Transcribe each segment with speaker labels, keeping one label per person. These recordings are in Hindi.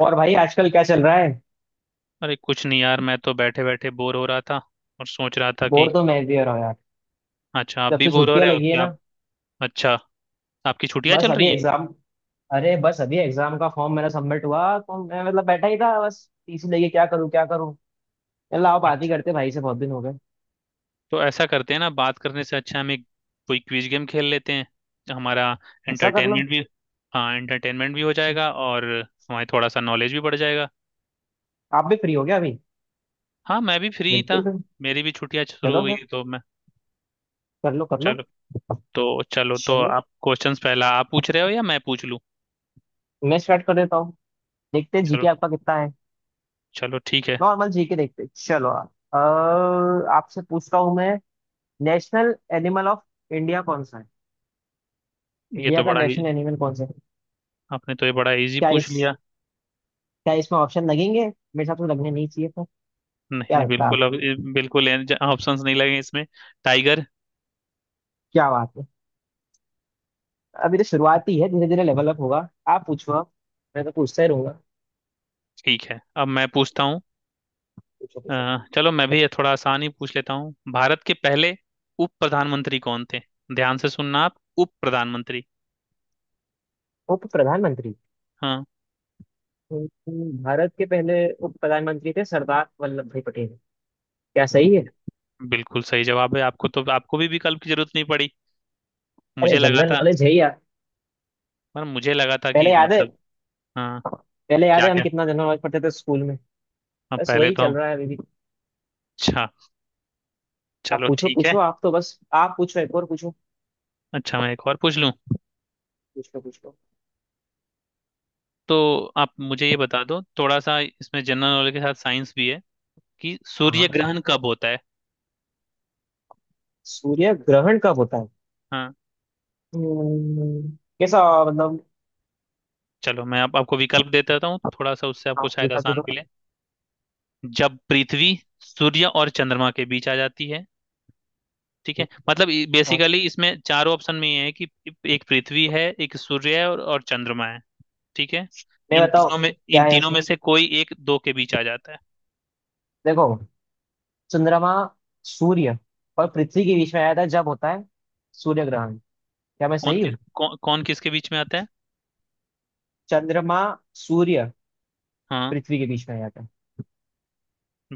Speaker 1: और भाई आजकल क्या चल रहा है?
Speaker 2: अरे कुछ नहीं यार। मैं तो बैठे बैठे बोर हो रहा था और सोच रहा था कि...
Speaker 1: बोर तो मैं भी हो रहा हूँ यार।
Speaker 2: अच्छा, आप
Speaker 1: जब
Speaker 2: भी
Speaker 1: से
Speaker 2: बोर हो
Speaker 1: छुट्टियां
Speaker 2: रहे हो
Speaker 1: लगी
Speaker 2: कि
Speaker 1: है
Speaker 2: आप...
Speaker 1: ना।
Speaker 2: अच्छा, आपकी छुट्टियां
Speaker 1: बस
Speaker 2: चल
Speaker 1: अभी
Speaker 2: रही हैं।
Speaker 1: एग्जाम। अरे बस अभी एग्जाम का फॉर्म मेरा सबमिट हुआ, तो मैं बैठा ही था, बस टीसी लेके क्या करूँ। चलो आप बात ही
Speaker 2: अच्छा,
Speaker 1: करते, भाई से बहुत दिन हो गए।
Speaker 2: तो ऐसा करते हैं ना, बात करने से अच्छा हम एक कोई क्विज गेम खेल लेते हैं। हमारा
Speaker 1: ऐसा कर लो।
Speaker 2: एंटरटेनमेंट भी... हाँ, एंटरटेनमेंट भी हो जाएगा और हमारी थोड़ा सा नॉलेज भी बढ़ जाएगा।
Speaker 1: आप भी फ्री हो गया अभी।
Speaker 2: हाँ, मैं भी फ्री ही था।
Speaker 1: बिल्कुल फिर।
Speaker 2: मेरी भी छुट्टियां शुरू हो
Speaker 1: चलो
Speaker 2: गई
Speaker 1: फिर,
Speaker 2: हैं, तो मैं...
Speaker 1: कर लो कर लो।
Speaker 2: चलो। तो चलो, तो
Speaker 1: चलो
Speaker 2: आप क्वेश्चंस पहला आप पूछ रहे हो या मैं पूछ लूँ?
Speaker 1: मैं स्टार्ट कर देता हूँ। देखते हैं
Speaker 2: चलो।
Speaker 1: जीके आपका कितना है।
Speaker 2: चलो ठीक है।
Speaker 1: नॉर्मल जीके देखते हैं। चलो आप आपसे पूछता हूँ मैं। नेशनल एनिमल ऑफ इंडिया कौन सा है?
Speaker 2: ये
Speaker 1: इंडिया
Speaker 2: तो
Speaker 1: का
Speaker 2: बड़ा ही...
Speaker 1: नेशनल एनिमल कौन सा है?
Speaker 2: आपने तो ये बड़ा इजी
Speaker 1: क्या
Speaker 2: पूछ
Speaker 1: इस
Speaker 2: लिया।
Speaker 1: क्या इसमें ऑप्शन लगेंगे? मेरे साथ तो लगने नहीं चाहिए था।
Speaker 2: नहीं
Speaker 1: क्या
Speaker 2: नहीं,
Speaker 1: लगता है
Speaker 2: बिल्कुल,
Speaker 1: आपको?
Speaker 2: अब बिल्कुल ऑप्शंस नहीं लगे इसमें। टाइगर।
Speaker 1: क्या बात है। अभी तो शुरुआत ही है, धीरे धीरे लेवल अप होगा। आप पूछो आप, मैं तो पूछता ही रहूंगा।
Speaker 2: ठीक है, अब मैं पूछता हूँ।
Speaker 1: पूछो
Speaker 2: अ,
Speaker 1: पूछो।
Speaker 2: चलो, मैं भी ये थोड़ा आसान ही पूछ लेता हूँ। भारत के पहले उप प्रधानमंत्री कौन थे? ध्यान से सुनना आप, उप प्रधानमंत्री।
Speaker 1: उप प्रधानमंत्री।
Speaker 2: हाँ।
Speaker 1: भारत के पहले उप प्रधानमंत्री थे सरदार वल्लभ भाई पटेल। क्या
Speaker 2: अरे,
Speaker 1: सही है?
Speaker 2: बिल्कुल सही जवाब है। आपको तो... आपको भी विकल्प की जरूरत नहीं पड़ी।
Speaker 1: अरे
Speaker 2: मुझे लगा
Speaker 1: जनरल
Speaker 2: था,
Speaker 1: नॉलेज है ही यार।
Speaker 2: पर मुझे लगा था
Speaker 1: पहले
Speaker 2: कि
Speaker 1: याद है?
Speaker 2: मतलब... हाँ।
Speaker 1: पहले याद
Speaker 2: क्या
Speaker 1: है हम
Speaker 2: क्या?
Speaker 1: कितना जनरल नॉलेज पढ़ते थे स्कूल में।
Speaker 2: अब
Speaker 1: बस
Speaker 2: पहले
Speaker 1: वही
Speaker 2: तो
Speaker 1: चल
Speaker 2: हम...
Speaker 1: रहा है अभी भी।
Speaker 2: अच्छा,
Speaker 1: आप
Speaker 2: चलो
Speaker 1: पूछो
Speaker 2: ठीक
Speaker 1: पूछो,
Speaker 2: है।
Speaker 1: आप तो बस आप पूछो, एक और पूछो।
Speaker 2: अच्छा, मैं एक और पूछ लूँ।
Speaker 1: पूछो पूछो।
Speaker 2: तो आप मुझे ये बता दो, थोड़ा सा इसमें जनरल नॉलेज के साथ साइंस भी है, कि
Speaker 1: हाँ
Speaker 2: सूर्य
Speaker 1: हाँ,
Speaker 2: ग्रहण कब होता है?
Speaker 1: सूर्य ग्रहण कब होता है?
Speaker 2: हाँ।
Speaker 1: हम्म, कैसा, मतलब?
Speaker 2: चलो, मैं आपको विकल्प दे देता हूँ थोड़ा सा, उससे आपको
Speaker 1: हाँ,
Speaker 2: शायद
Speaker 1: विकल्प दे
Speaker 2: आसान
Speaker 1: दो।
Speaker 2: मिले। जब पृथ्वी सूर्य और चंद्रमा के बीच आ जाती है। ठीक है,
Speaker 1: हाँ,
Speaker 2: मतलब बेसिकली इसमें चारों ऑप्शन में ये है कि एक पृथ्वी है, एक सूर्य है और चंद्रमा है। ठीक है।
Speaker 1: मैं
Speaker 2: इन
Speaker 1: बताओ,
Speaker 2: तीनों में...
Speaker 1: क्या
Speaker 2: इन
Speaker 1: है
Speaker 2: तीनों
Speaker 1: इसमें?
Speaker 2: में से कोई एक दो के बीच आ जाता है।
Speaker 1: देखो, चंद्रमा सूर्य और पृथ्वी के बीच में आया था जब, होता है सूर्य ग्रहण। क्या मैं सही हूँ?
Speaker 2: कौन किसके बीच में आता है?
Speaker 1: चंद्रमा, सूर्य,
Speaker 2: हाँ।
Speaker 1: पृथ्वी के बीच में आया था।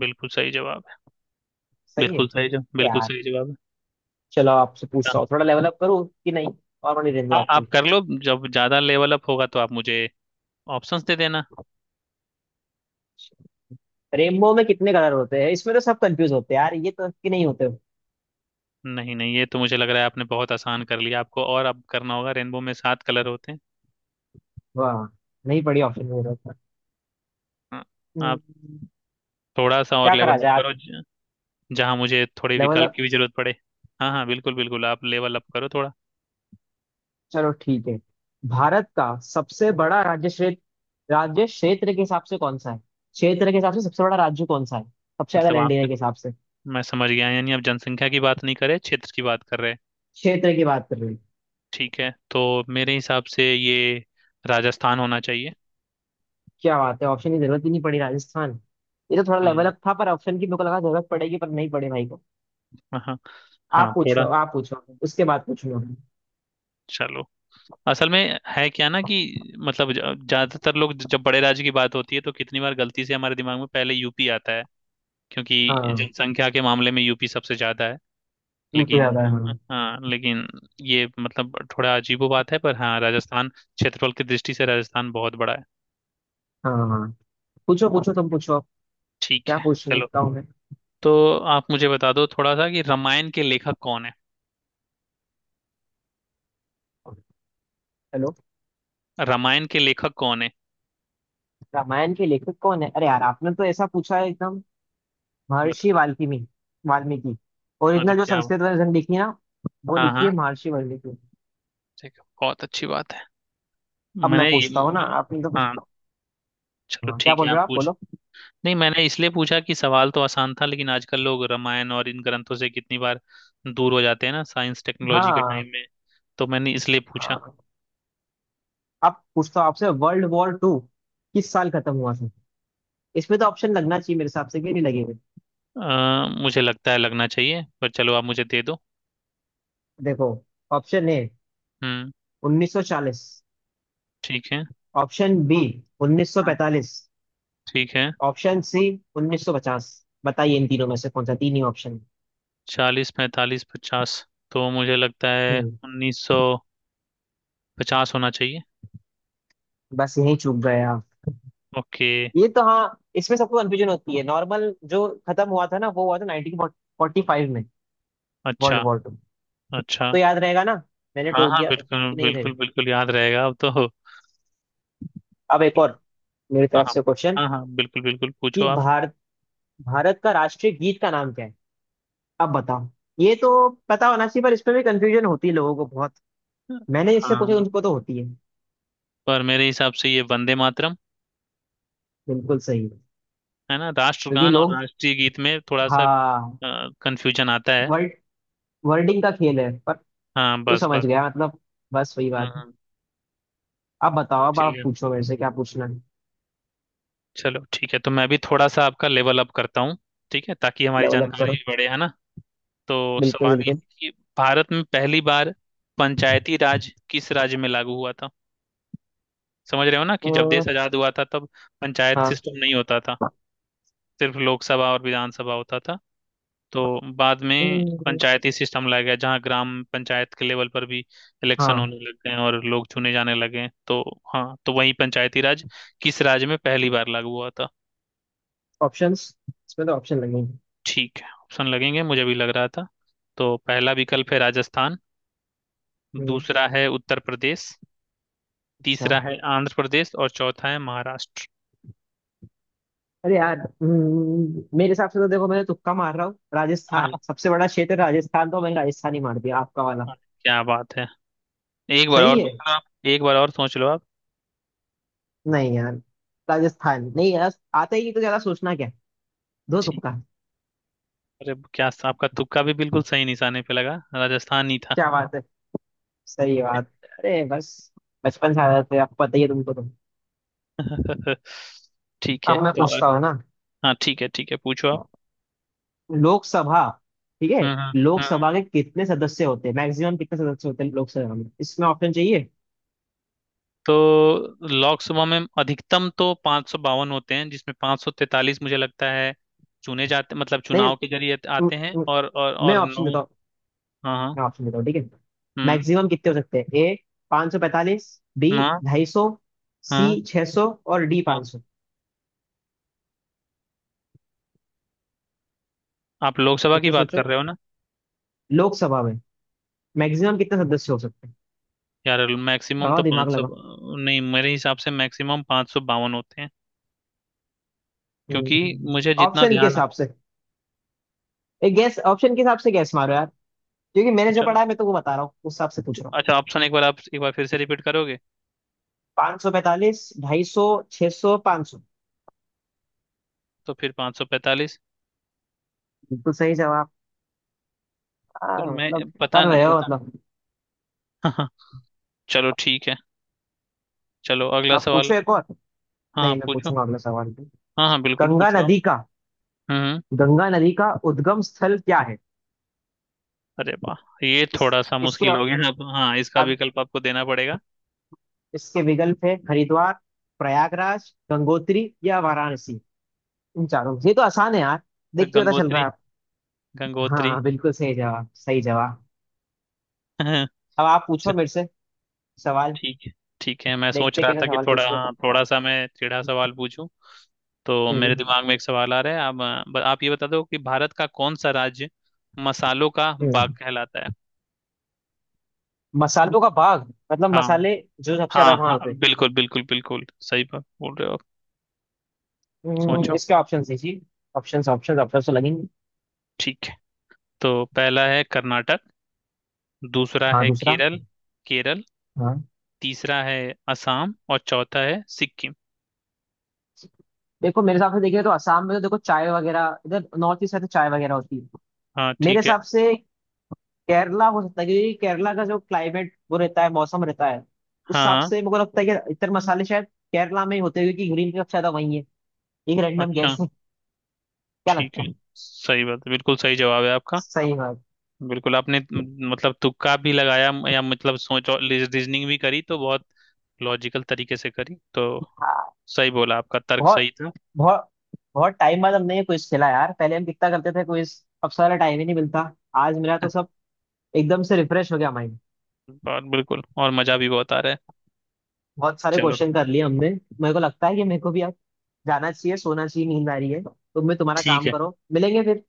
Speaker 2: बिल्कुल सही जवाब है।
Speaker 1: सही है
Speaker 2: बिल्कुल सही जवाब,
Speaker 1: तो
Speaker 2: बिल्कुल
Speaker 1: यार।
Speaker 2: सही जवाब है।
Speaker 1: चलो आपसे
Speaker 2: हाँ।
Speaker 1: पूछता हूँ, थोड़ा लेवल अप करूँ कि नहीं। और मनी रेनबो आपके
Speaker 2: आप
Speaker 1: लिए।
Speaker 2: कर लो, जब ज्यादा लेवल अप होगा तो आप मुझे ऑप्शंस दे देना।
Speaker 1: रेनबो में कितने कलर होते हैं? इसमें तो सब कंफ्यूज होते हैं यार, ये तो कि नहीं होते।
Speaker 2: नहीं नहीं, ये तो मुझे लग रहा है आपने बहुत आसान कर लिया, आपको और अब करना होगा। रेनबो में सात कलर होते हैं।
Speaker 1: वाह, नहीं पड़ी ऑप्शन में।
Speaker 2: हाँ। आप
Speaker 1: हम्म,
Speaker 2: थोड़ा सा और
Speaker 1: क्या करा
Speaker 2: लेवल अप
Speaker 1: जाए आप,
Speaker 2: करो, जहाँ मुझे थोड़े
Speaker 1: लेवल?
Speaker 2: विकल्प की भी जरूरत पड़े। हाँ हाँ, बिल्कुल बिल्कुल, आप लेवल अप करो थोड़ा।
Speaker 1: चलो ठीक है। भारत का सबसे बड़ा राज्य क्षेत्र के हिसाब से कौन सा है? क्षेत्र के हिसाब से सबसे बड़ा राज्य कौन सा है, सबसे ज्यादा
Speaker 2: मतलब
Speaker 1: लैंड एरिया
Speaker 2: आप...
Speaker 1: के हिसाब से?
Speaker 2: मैं समझ गया, यानी आप जनसंख्या की बात नहीं कर रहे, क्षेत्र की बात कर रहे हैं।
Speaker 1: क्षेत्र की बात कर रही।
Speaker 2: ठीक है, तो मेरे हिसाब से ये राजस्थान होना चाहिए।
Speaker 1: क्या बात है, ऑप्शन की जरूरत ही नहीं पड़ी, राजस्थान। ये तो थोड़ा लेवल
Speaker 2: हम्म।
Speaker 1: अप था पर ऑप्शन की मेरे को लगा जरूरत पड़ेगी, पर नहीं पड़े भाई को।
Speaker 2: हाँ हाँ। हाँ,
Speaker 1: आप पूछो
Speaker 2: थोड़ा...
Speaker 1: आप पूछो, उसके बाद पूछूंगा।
Speaker 2: चलो, असल में है क्या ना कि... मतलब ज्यादातर लोग जब बड़े राज्य की बात होती है तो कितनी बार गलती से हमारे दिमाग में पहले यूपी आता है, क्योंकि
Speaker 1: हाँ,
Speaker 2: जनसंख्या के मामले में यूपी सबसे ज्यादा है।
Speaker 1: ये तो
Speaker 2: लेकिन...
Speaker 1: ज्यादा है हाँ।
Speaker 2: हाँ, लेकिन ये मतलब थोड़ा अजीबो बात है, पर हाँ, राजस्थान क्षेत्रफल की दृष्टि से राजस्थान बहुत बड़ा है।
Speaker 1: हाँ हाँ। पूछो पूछो, तुम पूछो अब।
Speaker 2: ठीक
Speaker 1: क्या
Speaker 2: है।
Speaker 1: पूछ रही
Speaker 2: चलो,
Speaker 1: हूँ मैं।
Speaker 2: तो आप मुझे बता दो थोड़ा सा कि रामायण के लेखक कौन है?
Speaker 1: हेलो,
Speaker 2: रामायण के लेखक कौन है?
Speaker 1: रामायण के लेखक कौन है? अरे यार, आपने तो ऐसा पूछा है एकदम।
Speaker 2: बता।
Speaker 1: महर्षि वाल्मीकि। वाल्मीकि।
Speaker 2: हाँ जी,
Speaker 1: ओरिजिनल जो
Speaker 2: क्या?
Speaker 1: संस्कृत वर्जन लिखी है ना, वो
Speaker 2: हाँ
Speaker 1: लिखी है
Speaker 2: हाँ,
Speaker 1: महर्षि वाल्मीकि।
Speaker 2: ठीक है, बहुत अच्छी बात है।
Speaker 1: अब मैं
Speaker 2: मैंने ये...
Speaker 1: पूछता हूँ ना, आपने तो
Speaker 2: हाँ,
Speaker 1: पूछता
Speaker 2: चलो
Speaker 1: हूँ, क्या
Speaker 2: ठीक है,
Speaker 1: बोल रहे
Speaker 2: आप
Speaker 1: हो आप,
Speaker 2: पूछ...
Speaker 1: बोलो।
Speaker 2: नहीं, मैंने इसलिए पूछा कि सवाल तो आसान था, लेकिन आजकल लोग रामायण और इन ग्रंथों से कितनी बार दूर हो जाते हैं ना, साइंस टेक्नोलॉजी के
Speaker 1: हाँ
Speaker 2: टाइम में। तो मैंने इसलिए पूछा।
Speaker 1: हाँ। अब पूछता हूँ आपसे, वर्ल्ड वॉर टू किस साल खत्म हुआ था? इसमें तो ऑप्शन लगना चाहिए मेरे हिसाब से, कि नहीं लगेगा।
Speaker 2: मुझे लगता है लगना चाहिए, पर चलो आप मुझे दे दो।
Speaker 1: देखो, ऑप्शन ए
Speaker 2: हम्म।
Speaker 1: 1940,
Speaker 2: ठीक है।
Speaker 1: ऑप्शन बी
Speaker 2: हाँ,
Speaker 1: 1945,
Speaker 2: ठीक है।
Speaker 1: Option C 1950। बताइए इन तीनों में से कौन सा, तीन ही ऑप्शन।
Speaker 2: चालीस, पैंतालीस, पचास, तो मुझे लगता है
Speaker 1: हम्म
Speaker 2: 1950 होना चाहिए।
Speaker 1: बस यही चूक गए आप।
Speaker 2: ओके।
Speaker 1: ये तो हाँ, इसमें सबको कंफ्यूजन होती है नॉर्मल। जो खत्म हुआ था ना वो हुआ था 1945 में,
Speaker 2: अच्छा।
Speaker 1: World war two. अब
Speaker 2: अच्छा।
Speaker 1: तो याद रहेगा ना, मैंने
Speaker 2: हाँ
Speaker 1: टोक
Speaker 2: हाँ,
Speaker 1: दिया तो
Speaker 2: बिल्कुल
Speaker 1: कि नहीं
Speaker 2: बिल्कुल
Speaker 1: रहेगा।
Speaker 2: बिल्कुल याद रहेगा अब तो।
Speaker 1: अब एक
Speaker 2: चलो।
Speaker 1: और मेरी
Speaker 2: हाँ
Speaker 1: तरफ
Speaker 2: हाँ।
Speaker 1: से क्वेश्चन,
Speaker 2: हाँ हाँ बिल्कुल बिल्कुल, पूछो
Speaker 1: कि
Speaker 2: आप।
Speaker 1: भारत भारत का राष्ट्रीय गीत का नाम क्या है? अब बताओ। ये तो पता होना चाहिए पर इसमें भी कंफ्यूजन होती है लोगों को बहुत, मैंने इससे पूछा
Speaker 2: हाँ,
Speaker 1: उनको तो होती है।
Speaker 2: पर मेरे हिसाब से ये वंदे मातरम
Speaker 1: बिल्कुल सही है।
Speaker 2: है ना।
Speaker 1: क्योंकि
Speaker 2: राष्ट्रगान और
Speaker 1: लोग,
Speaker 2: राष्ट्रीय गीत में थोड़ा सा
Speaker 1: हाँ,
Speaker 2: कंफ्यूजन आता है।
Speaker 1: वर्ड वर्डिंग का खेल है पर,
Speaker 2: हाँ,
Speaker 1: तू
Speaker 2: बस
Speaker 1: समझ
Speaker 2: बस।
Speaker 1: गया मतलब, बस वही
Speaker 2: हाँ
Speaker 1: बात है।
Speaker 2: हाँ।
Speaker 1: अब बताओ, अब
Speaker 2: ठीक
Speaker 1: आप
Speaker 2: है,
Speaker 1: पूछो मेरे से क्या पूछना है।
Speaker 2: चलो ठीक है, तो मैं भी थोड़ा सा आपका लेवल अप करता हूँ। ठीक है, ताकि हमारी
Speaker 1: लेवल अप
Speaker 2: जानकारी
Speaker 1: करो।
Speaker 2: भी बढ़े, है ना। तो
Speaker 1: बिल्कुल
Speaker 2: सवाल ये
Speaker 1: बिल्कुल।
Speaker 2: है कि भारत में पहली बार पंचायती राज किस राज्य में लागू हुआ था? समझ रहे हो ना कि जब
Speaker 1: अ,
Speaker 2: देश आजाद हुआ था तब पंचायत
Speaker 1: हाँ।
Speaker 2: सिस्टम नहीं होता था, सिर्फ लोकसभा और विधानसभा होता था। तो बाद में
Speaker 1: हम्म,
Speaker 2: पंचायती सिस्टम लाया गया, जहाँ ग्राम पंचायत के लेवल पर भी इलेक्शन
Speaker 1: हाँ।
Speaker 2: होने लग गए हैं और लोग चुने जाने लगे हैं। तो हाँ, तो वही पंचायती राज किस राज्य में पहली बार लागू हुआ था?
Speaker 1: ऑप्शंस, इसमें तो ऑप्शन लगेंगे।
Speaker 2: ठीक है, ऑप्शन लगेंगे, मुझे भी लग रहा था। तो पहला विकल्प है राजस्थान,
Speaker 1: हम्म,
Speaker 2: दूसरा है उत्तर प्रदेश,
Speaker 1: अच्छा।
Speaker 2: तीसरा है आंध्र प्रदेश और चौथा है महाराष्ट्र।
Speaker 1: अरे यार, मेरे हिसाब से तो देखो, मैं तो तुक्का मार रहा हूँ, राजस्थान
Speaker 2: हाँ
Speaker 1: सबसे बड़ा क्षेत्र है, राजस्थान, तो मैंने राजस्थान ही मार दिया आपका वाला।
Speaker 2: हाँ, क्या बात है, एक बार और
Speaker 1: सही
Speaker 2: सोच
Speaker 1: है।
Speaker 2: लो आप, एक बार और सोच लो आप।
Speaker 1: नहीं यार, राजस्थान नहीं यार आता ही नहीं, तो ज्यादा सोचना क्या, दो
Speaker 2: ठीक।
Speaker 1: तुक्का।
Speaker 2: अरे क्या! आपका तुक्का भी बिल्कुल सही निशाने पे लगा, राजस्थान ही था।
Speaker 1: क्या बात है, सही बात है। अरे बस, बचपन से आदत है, अब पता ही है तुमको तो।
Speaker 2: ठीक है
Speaker 1: अब मैं
Speaker 2: तो...
Speaker 1: पूछता हूँ ना,
Speaker 2: हाँ ठीक है ठीक है, पूछो आप।
Speaker 1: लोकसभा, ठीक है?
Speaker 2: हम्म हम्म हम्म।
Speaker 1: लोकसभा के कितने सदस्य होते हैं, मैक्सिमम कितने सदस्य होते हैं लोकसभा में? इसमें ऑप्शन चाहिए?
Speaker 2: तो लोकसभा में अधिकतम तो 552 होते हैं, जिसमें 543 मुझे लगता है चुने जाते, मतलब
Speaker 1: नहीं,
Speaker 2: चुनाव के जरिए
Speaker 1: म-
Speaker 2: आते हैं,
Speaker 1: म-
Speaker 2: और और
Speaker 1: मैं
Speaker 2: और
Speaker 1: ऑप्शन
Speaker 2: नौ...
Speaker 1: देता हूँ,
Speaker 2: हाँ हाँ।
Speaker 1: मैं ऑप्शन देता हूँ ठीक है।
Speaker 2: हम्म।
Speaker 1: मैक्सिमम कितने हो सकते हैं? ए 545, बी
Speaker 2: हाँ
Speaker 1: 250,
Speaker 2: हाँ
Speaker 1: सी 600 और डी
Speaker 2: हाँ।
Speaker 1: 500।
Speaker 2: आप लोकसभा की
Speaker 1: सोचो
Speaker 2: बात
Speaker 1: सोचो,
Speaker 2: कर रहे हो ना?
Speaker 1: लोकसभा में मैक्सिमम कितने सदस्य हो सकते हैं।
Speaker 2: यार मैक्सिमम तो
Speaker 1: लगाओ दिमाग
Speaker 2: पाँच सौ...
Speaker 1: लगाओ।
Speaker 2: नहीं, मेरे हिसाब से मैक्सिमम 552 होते हैं क्योंकि
Speaker 1: हम्म,
Speaker 2: मुझे जितना
Speaker 1: ऑप्शन के
Speaker 2: ध्यान...
Speaker 1: हिसाब से, एक गैस ऑप्शन के हिसाब से गैस मारो यार, क्योंकि मैंने जो
Speaker 2: अच्छा,
Speaker 1: पढ़ा है मैं तो वो बता रहा हूँ, उस हिसाब से पूछ रहा।
Speaker 2: अच्छा, ऑप्शन एक बार आप एक बार फिर से रिपीट करोगे?
Speaker 1: 545, 250, 600, 500।
Speaker 2: तो फिर 545,
Speaker 1: बिल्कुल सही जवाब।
Speaker 2: फिर मैं...
Speaker 1: मतलब
Speaker 2: पता
Speaker 1: कर
Speaker 2: नहीं
Speaker 1: रहे हो
Speaker 2: पता।
Speaker 1: मतलब।
Speaker 2: हाँ हाँ, चलो ठीक है, चलो अगला
Speaker 1: आप
Speaker 2: सवाल।
Speaker 1: पूछो एक और।
Speaker 2: हाँ
Speaker 1: नहीं
Speaker 2: हाँ,
Speaker 1: मैं
Speaker 2: पूछो।
Speaker 1: पूछूंगा अगला सवाल भी।
Speaker 2: हाँ हाँ बिल्कुल,
Speaker 1: गंगा
Speaker 2: पूछो आप।
Speaker 1: नदी का
Speaker 2: हम्म हम्म।
Speaker 1: गंगा नदी का उद्गम स्थल क्या है?
Speaker 2: अरे वाह, ये
Speaker 1: इस
Speaker 2: थोड़ा सा
Speaker 1: इसके
Speaker 2: मुश्किल हो गया अब, हाँ, इसका
Speaker 1: अब
Speaker 2: विकल्प आपको देना पड़ेगा।
Speaker 1: इसके विकल्प है हरिद्वार, प्रयागराज, गंगोत्री या वाराणसी, इन चारों में से। ये तो आसान है यार, देख के पता चल रहा
Speaker 2: गंगोत्री।
Speaker 1: है आप। हाँ
Speaker 2: गंगोत्री।
Speaker 1: हाँ, बिल्कुल सही जवाब, सही जवाब।
Speaker 2: अच्छा।
Speaker 1: अब आप पूछो मेरे से सवाल।
Speaker 2: ठीक है। ठीक है, मैं सोच
Speaker 1: देखते हैं
Speaker 2: रहा
Speaker 1: कैसे
Speaker 2: था कि
Speaker 1: सवाल
Speaker 2: थोड़ा,
Speaker 1: पूछते
Speaker 2: हाँ, थोड़ा
Speaker 1: हो।
Speaker 2: सा मैं टेढ़ा सवाल पूछूं। तो मेरे
Speaker 1: हम्म,
Speaker 2: दिमाग में एक सवाल आ रहा है। आप... आप ये बता दो कि भारत का कौन सा राज्य मसालों का बाग
Speaker 1: हम्म।
Speaker 2: कहलाता है?
Speaker 1: मसालों का बाग मतलब
Speaker 2: हाँ।
Speaker 1: मसाले जो सबसे
Speaker 2: हाँ
Speaker 1: ज्यादा
Speaker 2: हाँ
Speaker 1: वहां पे।
Speaker 2: बिल्कुल बिल्कुल बिल्कुल, सही बात बोल रहे हो आप। सोचो।
Speaker 1: इसके ऑप्शन है जी। ऑप्शन ऑप्शन ऑप्शन तो लगेंगे।
Speaker 2: ठीक है, तो पहला है कर्नाटक, दूसरा
Speaker 1: हाँ
Speaker 2: है
Speaker 1: दूसरा,
Speaker 2: केरल, केरल,
Speaker 1: हाँ।
Speaker 2: तीसरा है असम और चौथा है सिक्किम।
Speaker 1: देखो मेरे हिसाब से, देखिए तो असम में तो देखो चाय वगैरह, इधर नॉर्थ ईस्ट है तो चाय वगैरह होती है।
Speaker 2: हाँ
Speaker 1: मेरे
Speaker 2: ठीक है।
Speaker 1: हिसाब से केरला हो सकता है, क्योंकि केरला का जो क्लाइमेट वो रहता है, मौसम रहता है, उस हिसाब
Speaker 2: हाँ हाँ।
Speaker 1: से मेरे को लगता है कि इतर मसाले शायद केरला में ही होते हैं, क्योंकि ग्रीन टी सबसे ज्यादा वही है। एक रैंडम
Speaker 2: अच्छा।
Speaker 1: गैस है। क्या
Speaker 2: ठीक
Speaker 1: लगता
Speaker 2: है,
Speaker 1: है?
Speaker 2: सही बात है, बिल्कुल सही जवाब है आपका।
Speaker 1: सही है।
Speaker 2: बिल्कुल, आपने मतलब तुक्का भी लगाया, या मतलब सोच और रीजनिंग भी करी, तो बहुत लॉजिकल तरीके से करी, तो सही बोला, आपका तर्क
Speaker 1: बहुत
Speaker 2: सही था।
Speaker 1: बहुत बहुत टाइम बाद हमने ये क्विज खेला यार, पहले हम कितना करते थे क्विज, अब सारा टाइम ही नहीं मिलता। आज मेरा तो सब एकदम से रिफ्रेश हो गया माइंड।
Speaker 2: और बिल्कुल, और मजा भी बहुत आ रहा है।
Speaker 1: बहुत सारे
Speaker 2: चलो
Speaker 1: क्वेश्चन कर लिए हमने। मेरे को लगता है कि मेरे को भी अब जाना चाहिए, सोना चाहिए, नींद आ रही है, तुम भी तुम्हारा
Speaker 2: ठीक
Speaker 1: काम
Speaker 2: है,
Speaker 1: करो, मिलेंगे फिर।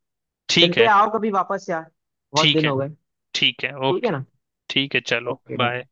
Speaker 2: ठीक
Speaker 1: मिलते
Speaker 2: है।
Speaker 1: हैं, आओ कभी वापस यार, बहुत
Speaker 2: ठीक
Speaker 1: दिन
Speaker 2: है,
Speaker 1: हो गए।
Speaker 2: ठीक है
Speaker 1: ठीक है
Speaker 2: ओके।
Speaker 1: ना?
Speaker 2: ठीक है, चलो
Speaker 1: ओके डन।
Speaker 2: बाय।